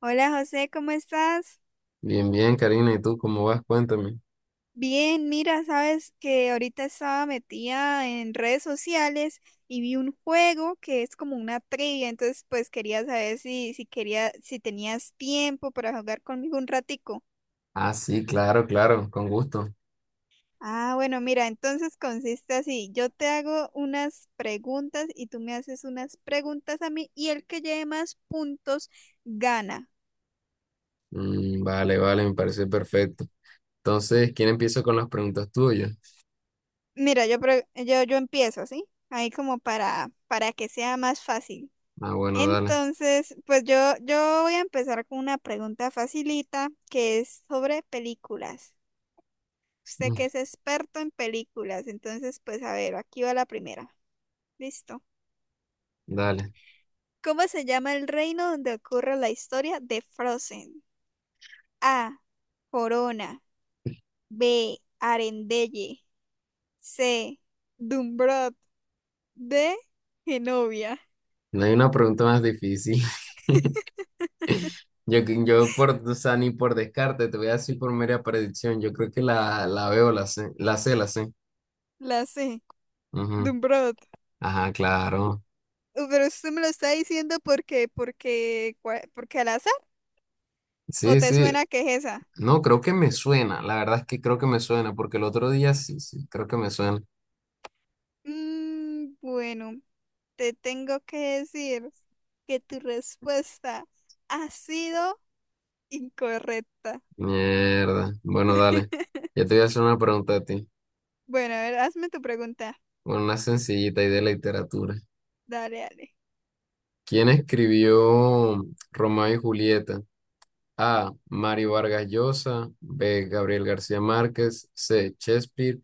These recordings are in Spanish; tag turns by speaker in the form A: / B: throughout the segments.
A: Hola José, ¿cómo estás?
B: Bien, bien, Karina, ¿y tú cómo vas? Cuéntame.
A: Bien, mira, sabes que ahorita estaba metida en redes sociales y vi un juego que es como una trivia, entonces pues quería saber si tenías tiempo para jugar conmigo un ratico.
B: Ah, sí, claro, claro, con gusto.
A: Entonces consiste así, yo te hago unas preguntas y tú me haces unas preguntas a mí y el que lleve más puntos gana.
B: Vale, vale, me parece perfecto. Entonces, ¿quién empieza con las preguntas tuyas?
A: Mira, yo empiezo, ¿sí? Ahí como para que sea más fácil.
B: Ah, bueno, dale.
A: Entonces, yo voy a empezar con una pregunta facilita que es sobre películas. Usted
B: Mm,
A: que es experto en películas, entonces, pues a ver, aquí va la primera. Listo.
B: Dale.
A: ¿Cómo se llama el reino donde ocurre la historia de Frozen? A, Corona. B, Arendelle. C, Dumbrot. D, Genovia.
B: No hay una pregunta más difícil. Yo, que- yo por, O sea, ni por descarte, te voy a decir por mera predicción. Yo creo que la veo, la sé, la sé, la sé.
A: La C.
B: Ujú.
A: Dumbrot.
B: Ajá, claro.
A: Pero usted me lo está diciendo porque, porque al azar. ¿O
B: Sí,
A: te
B: sí.
A: suena que es esa?
B: No, creo que me suena. La verdad es que creo que me suena, porque el otro día sí, sí, creo que me suena.
A: Bueno, te tengo que decir que tu respuesta ha sido incorrecta.
B: Mierda. Bueno, dale. Yo te voy a hacer una pregunta a ti.
A: Bueno, a ver, hazme tu pregunta.
B: Bueno, una sencillita y de literatura.
A: Dale, dale.
B: ¿Quién escribió Romeo y Julieta? A. Mario Vargas Llosa. B. Gabriel García Márquez. C. Shakespeare.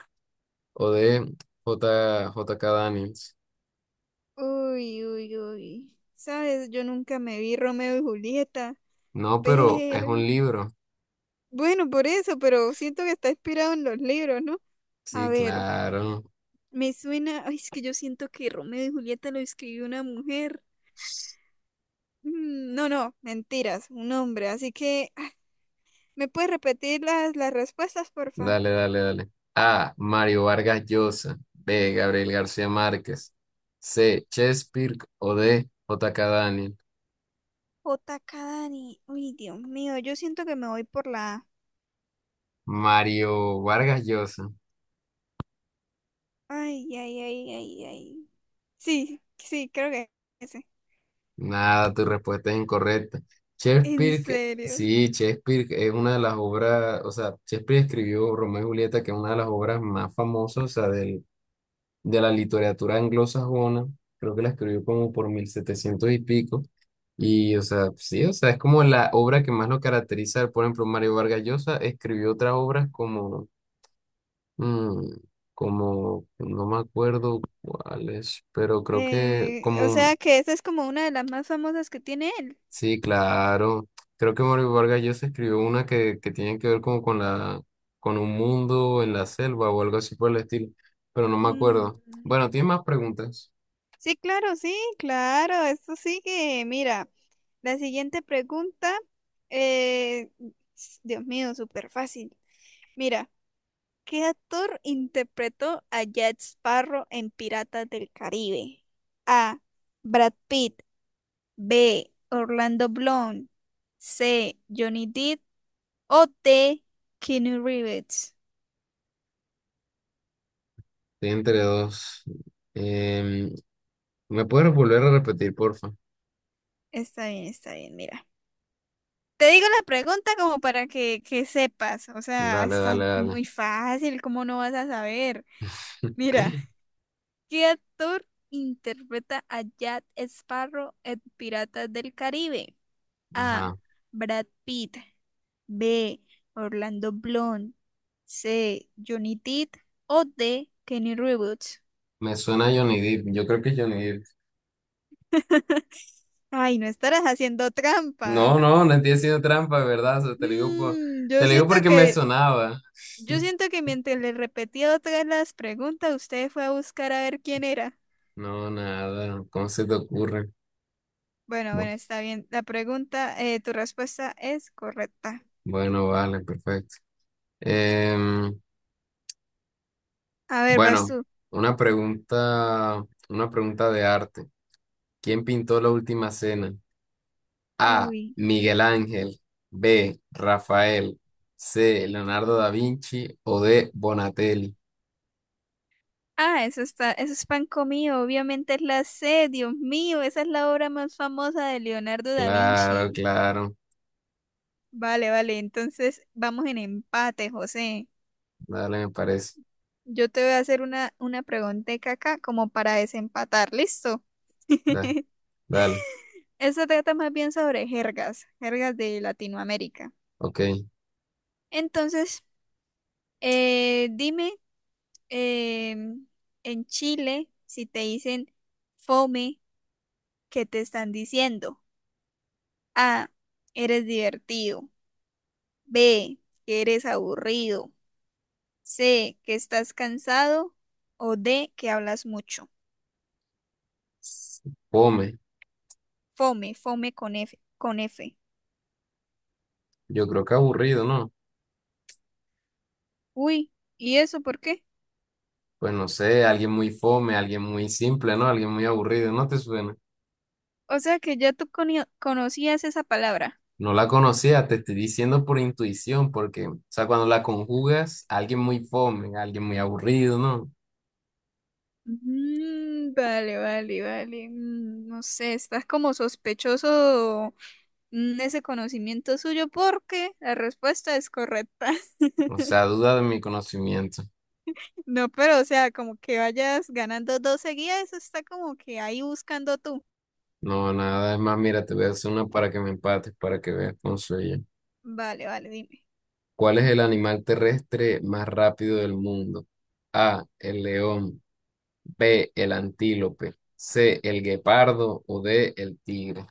B: O D. J. J. K. Daniels.
A: Uy, uy, uy. Sabes, yo nunca me vi Romeo y Julieta,
B: No, pero es un
A: pero…
B: libro.
A: Bueno, por eso, pero siento que está inspirado en los libros, ¿no? A
B: Sí,
A: ver,
B: claro.
A: me suena… Ay, es que yo siento que Romeo y Julieta lo escribió una mujer. No, no, mentiras, un hombre. Así que, ¿me puedes repetir las respuestas, porfa?
B: Dale, dale, dale. A. Mario Vargas Llosa. B. Gabriel García Márquez. C. Shakespeare. O D. J. K. Daniels.
A: J. Kadani. Uy, Dios mío, yo siento que me voy por la A.
B: Mario Vargas Llosa.
A: Ay, ay, ay, ay, ay. Sí, sí, creo que ese.
B: Nada, tu respuesta es incorrecta.
A: ¿En
B: Shakespeare,
A: serio?
B: sí, Shakespeare es una de las obras, o sea, Shakespeare escribió Romeo y Julieta, que es una de las obras más famosas, o sea, de la literatura anglosajona. Creo que la escribió como por 1700 y pico. Y, o sea, sí, o sea, es como la obra que más lo caracteriza. Por ejemplo, Mario Vargas Llosa escribió otras obras como, mm, no me acuerdo cuáles, pero creo que
A: O
B: como.
A: sea que esa es como una de las más famosas que tiene él.
B: Sí, claro. Creo que Mario Vargas Llosa escribió una que tiene que ver como con un mundo en la selva o algo así por el estilo, pero no me
A: Mm,
B: acuerdo. Bueno, ¿tienes más preguntas?
A: Sí, claro, sí, claro. Esto sigue. Mira, la siguiente pregunta. eh, Dios mío, súper fácil. Mira. ¿Qué actor interpretó a Jack Sparrow en Piratas del Caribe? A, Brad Pitt. B, Orlando Bloom. C, Johnny Depp. O D, Keanu Reeves.
B: Estoy entre dos. Em, ¿Me puedes volver a repetir, porfa?
A: Está bien, mira. Te digo la pregunta como para que sepas. O sea,
B: Dale,
A: está
B: dale, dale.
A: muy fácil, ¿cómo no vas a saber? Mira, ¿qué actor interpreta a Jack Sparrow en Piratas del Caribe? A,
B: Ajá.
A: Brad Pitt. B, Orlando Bloom. C, Johnny Depp. O D, Kenny Reeves.
B: Me suena a Johnny Depp. Yo creo que es Johnny Depp.
A: Ay, no estarás haciendo trampa.
B: No, no, no estoy haciendo trampa, de ¿verdad? O sea,
A: Mm,
B: te
A: yo
B: lo digo
A: siento
B: porque me
A: que,
B: sonaba.
A: yo siento que mientras le repetía otra vez las preguntas, usted fue a buscar a ver quién era.
B: No, nada. ¿Cómo se te ocurre?
A: Bueno, bueno,
B: Bueno.
A: está bien. La pregunta, tu respuesta es correcta.
B: Bueno, vale, perfecto. Em,
A: A ver, vas
B: bueno,
A: tú.
B: una pregunta, una pregunta de arte. ¿Quién pintó la última cena? A.
A: Uy.
B: Miguel Ángel. B. Rafael. C. Leonardo da Vinci. O D. Bonatelli.
A: Ah, eso está, eso es pan comido. Obviamente es la C, Dios mío, esa es la obra más famosa de Leonardo da
B: Claro,
A: Vinci.
B: claro.
A: Vale, vale. Entonces vamos en empate, José.
B: Dale, me parece.
A: Yo te voy a hacer una pregunteca acá como para desempatar. ¿Listo?
B: Da- Dale,
A: Eso trata más bien sobre jergas, jergas de Latinoamérica.
B: ok.
A: Entonces, dime, em, en Chile, si te dicen fome, ¿qué te están diciendo? A, eres divertido. B, que eres aburrido. C, que estás cansado. O D, que hablas mucho.
B: Fome.
A: Fome, fome con F.
B: Yo creo que aburrido, ¿no?
A: Uy, ¿y eso por qué?
B: Pues no sé, alguien muy fome, alguien muy simple, ¿no? Alguien muy aburrido, ¿no te suena?
A: O sea que ya tú cono- conocías esa palabra.
B: No la conocía, te estoy diciendo por intuición, porque, o sea, cuando la conjugas, alguien muy fome, alguien muy aburrido, ¿no?
A: Mm, vale, vale, vale. No sé, estás como sospechoso ese conocimiento suyo porque la respuesta es correcta.
B: O sea, duda de mi conocimiento.
A: No, pero o sea, como que vayas ganando dos seguidas, eso está como que ahí buscando tú.
B: No, nada, es más, mira, te voy a hacer una para que me empates, para que veas con sueño.
A: Vale, vale, dime.
B: ¿Cuál es el animal terrestre más rápido del mundo? A, el león, B, el antílope, C, el guepardo o D, el tigre.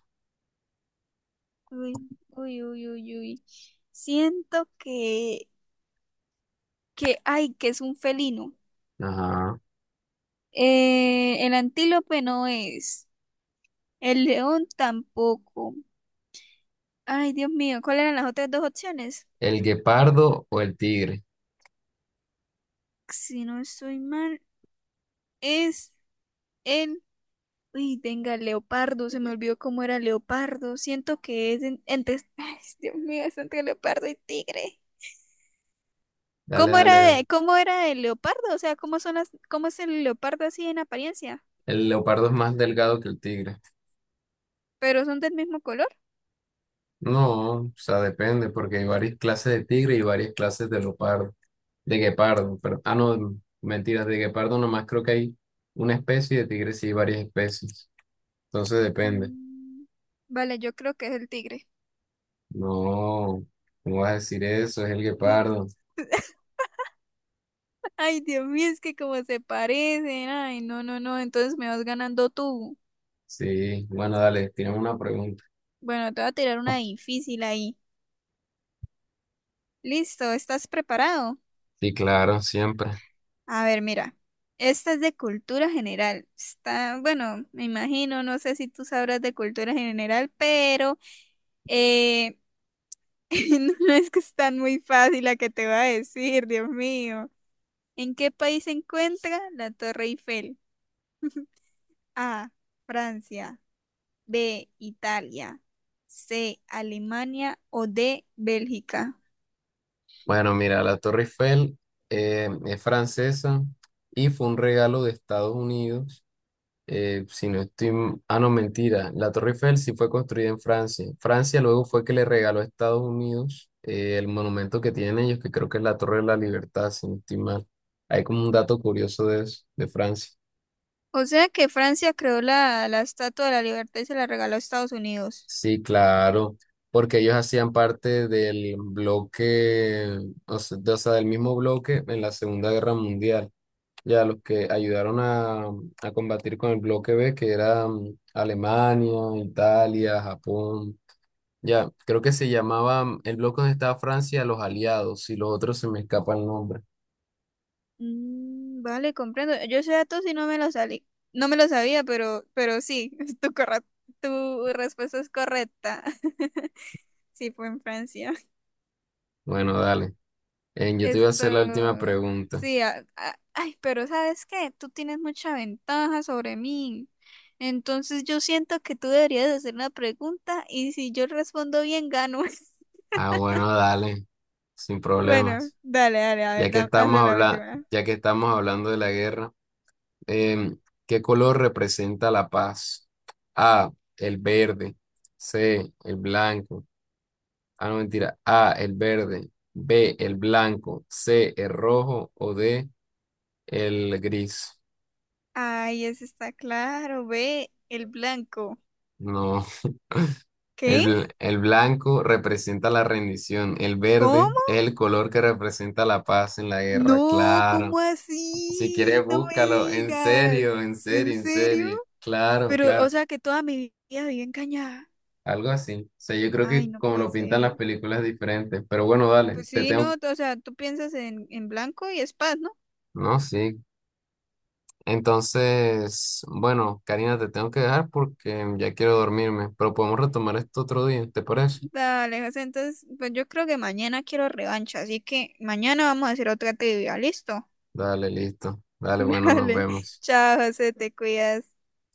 A: Uy, uy, uy, uy, uy. Siento que, ay, que es un felino.
B: Ajá.
A: El antílope no es. El león tampoco. Ay, Dios mío, ¿cuáles eran las otras dos opciones?
B: ¿El guepardo o el tigre?
A: Si no estoy mal, es el… Uy, venga, el leopardo, se me olvidó cómo era el leopardo. Siento que entre… Ay, Dios mío, es entre leopardo y tigre.
B: Dale, dale, dale.
A: Cómo era el leopardo? O sea, cómo es el leopardo así en apariencia?
B: El leopardo es más delgado que el tigre.
A: Pero son del mismo color.
B: No, o sea, depende, porque hay varias clases de tigre y varias clases de leopardo, de guepardo, pero, ah, no, mentiras, de guepardo nomás creo que hay una especie y de tigre sí hay varias especies, entonces depende.
A: Mm, Vale, yo creo que es el tigre.
B: No, ¿cómo vas a decir eso? Es el
A: Mm,
B: guepardo.
A: Ay, Dios mío, es que como se parecen. Ay, no, no, no. Entonces me vas ganando tú.
B: Sí, bueno, dale, tienes una pregunta.
A: Bueno, te voy a tirar una difícil ahí. Listo, ¿estás preparado?
B: Sí, claro, siempre.
A: A ver, mira. Esta es de cultura general. Está, bueno, me imagino, no sé si tú sabrás de cultura general, pero eh, no es que es tan muy fácil la que te va a decir, Dios mío. ¿En qué país se encuentra la Torre Eiffel? A, Francia. B, Italia. C, Alemania. O D, Bélgica.
B: Bueno, mira, la Torre Eiffel es francesa y fue un regalo de Estados Unidos. Si no estoy. Ah, no, mentira. La Torre Eiffel sí fue construida en Francia. Francia luego fue que le regaló a Estados Unidos el monumento que tienen ellos, que creo que es la Torre de la Libertad, si no estoy mal. Hay como un dato curioso de eso, de Francia.
A: O sea que Francia creó la Estatua de la Libertad y se la regaló a Estados Unidos.
B: Sí, claro, porque ellos hacían parte del bloque, o sea, del mismo bloque en la Segunda Guerra Mundial. Ya los que ayudaron a combatir con el bloque B, que era Alemania, Italia, Japón. Ya, creo que se llamaba el bloque donde estaba Francia, los aliados, y los otros se me escapa el nombre.
A: Mm, vale, comprendo. Yo ese dato sí no me lo salí. No me lo sabía, pero sí, tu, corra- tu respuesta es correcta. Sí, fue en Francia.
B: Bueno, dale. Yo te iba a
A: Esto,
B: hacer la última pregunta.
A: pero ¿sabes qué? Tú tienes mucha ventaja sobre mí. Entonces yo siento que tú deberías hacer una pregunta y si yo respondo bien, gano.
B: Ah, bueno, dale, sin
A: Bueno,
B: problemas.
A: dale, dale, a ver, hazme la última.
B: Ya que estamos hablando de la guerra, em, ¿qué color representa la paz? A, el verde. C, el blanco. Ah, no, mentira. A, el verde. B, el blanco. C, el rojo. O D, el gris.
A: Ay, ese está claro, ve, el blanco.
B: No. El,
A: ¿Qué?
B: bl- el blanco representa la rendición, el verde
A: ¿Cómo?
B: es el color que representa la paz en la guerra,
A: No,
B: claro.
A: ¿cómo
B: Si quieres,
A: así? No me
B: búscalo, en
A: digas.
B: serio, en serio,
A: ¿En
B: en
A: serio?
B: serio, claro,
A: Pero, o
B: claro,
A: sea, que toda mi vida viví engañada.
B: algo así. O sea, yo creo
A: Ay,
B: que
A: no
B: como
A: puede
B: lo pintan
A: ser.
B: las películas es diferente, pero bueno, dale,
A: Pues
B: te
A: sí, no,
B: tengo,
A: o sea, tú piensas en blanco y es paz, ¿no?
B: no, sí. Entonces, bueno, Karina, te tengo que dejar porque ya quiero dormirme, pero podemos retomar esto otro día, ¿te parece?
A: Dale, José, entonces, pues yo creo que mañana quiero revancha, así que mañana vamos a hacer otra trivia, ¿listo?
B: Dale, listo. Dale, bueno, nos
A: Dale,
B: vemos.
A: chao, José, te cuidas.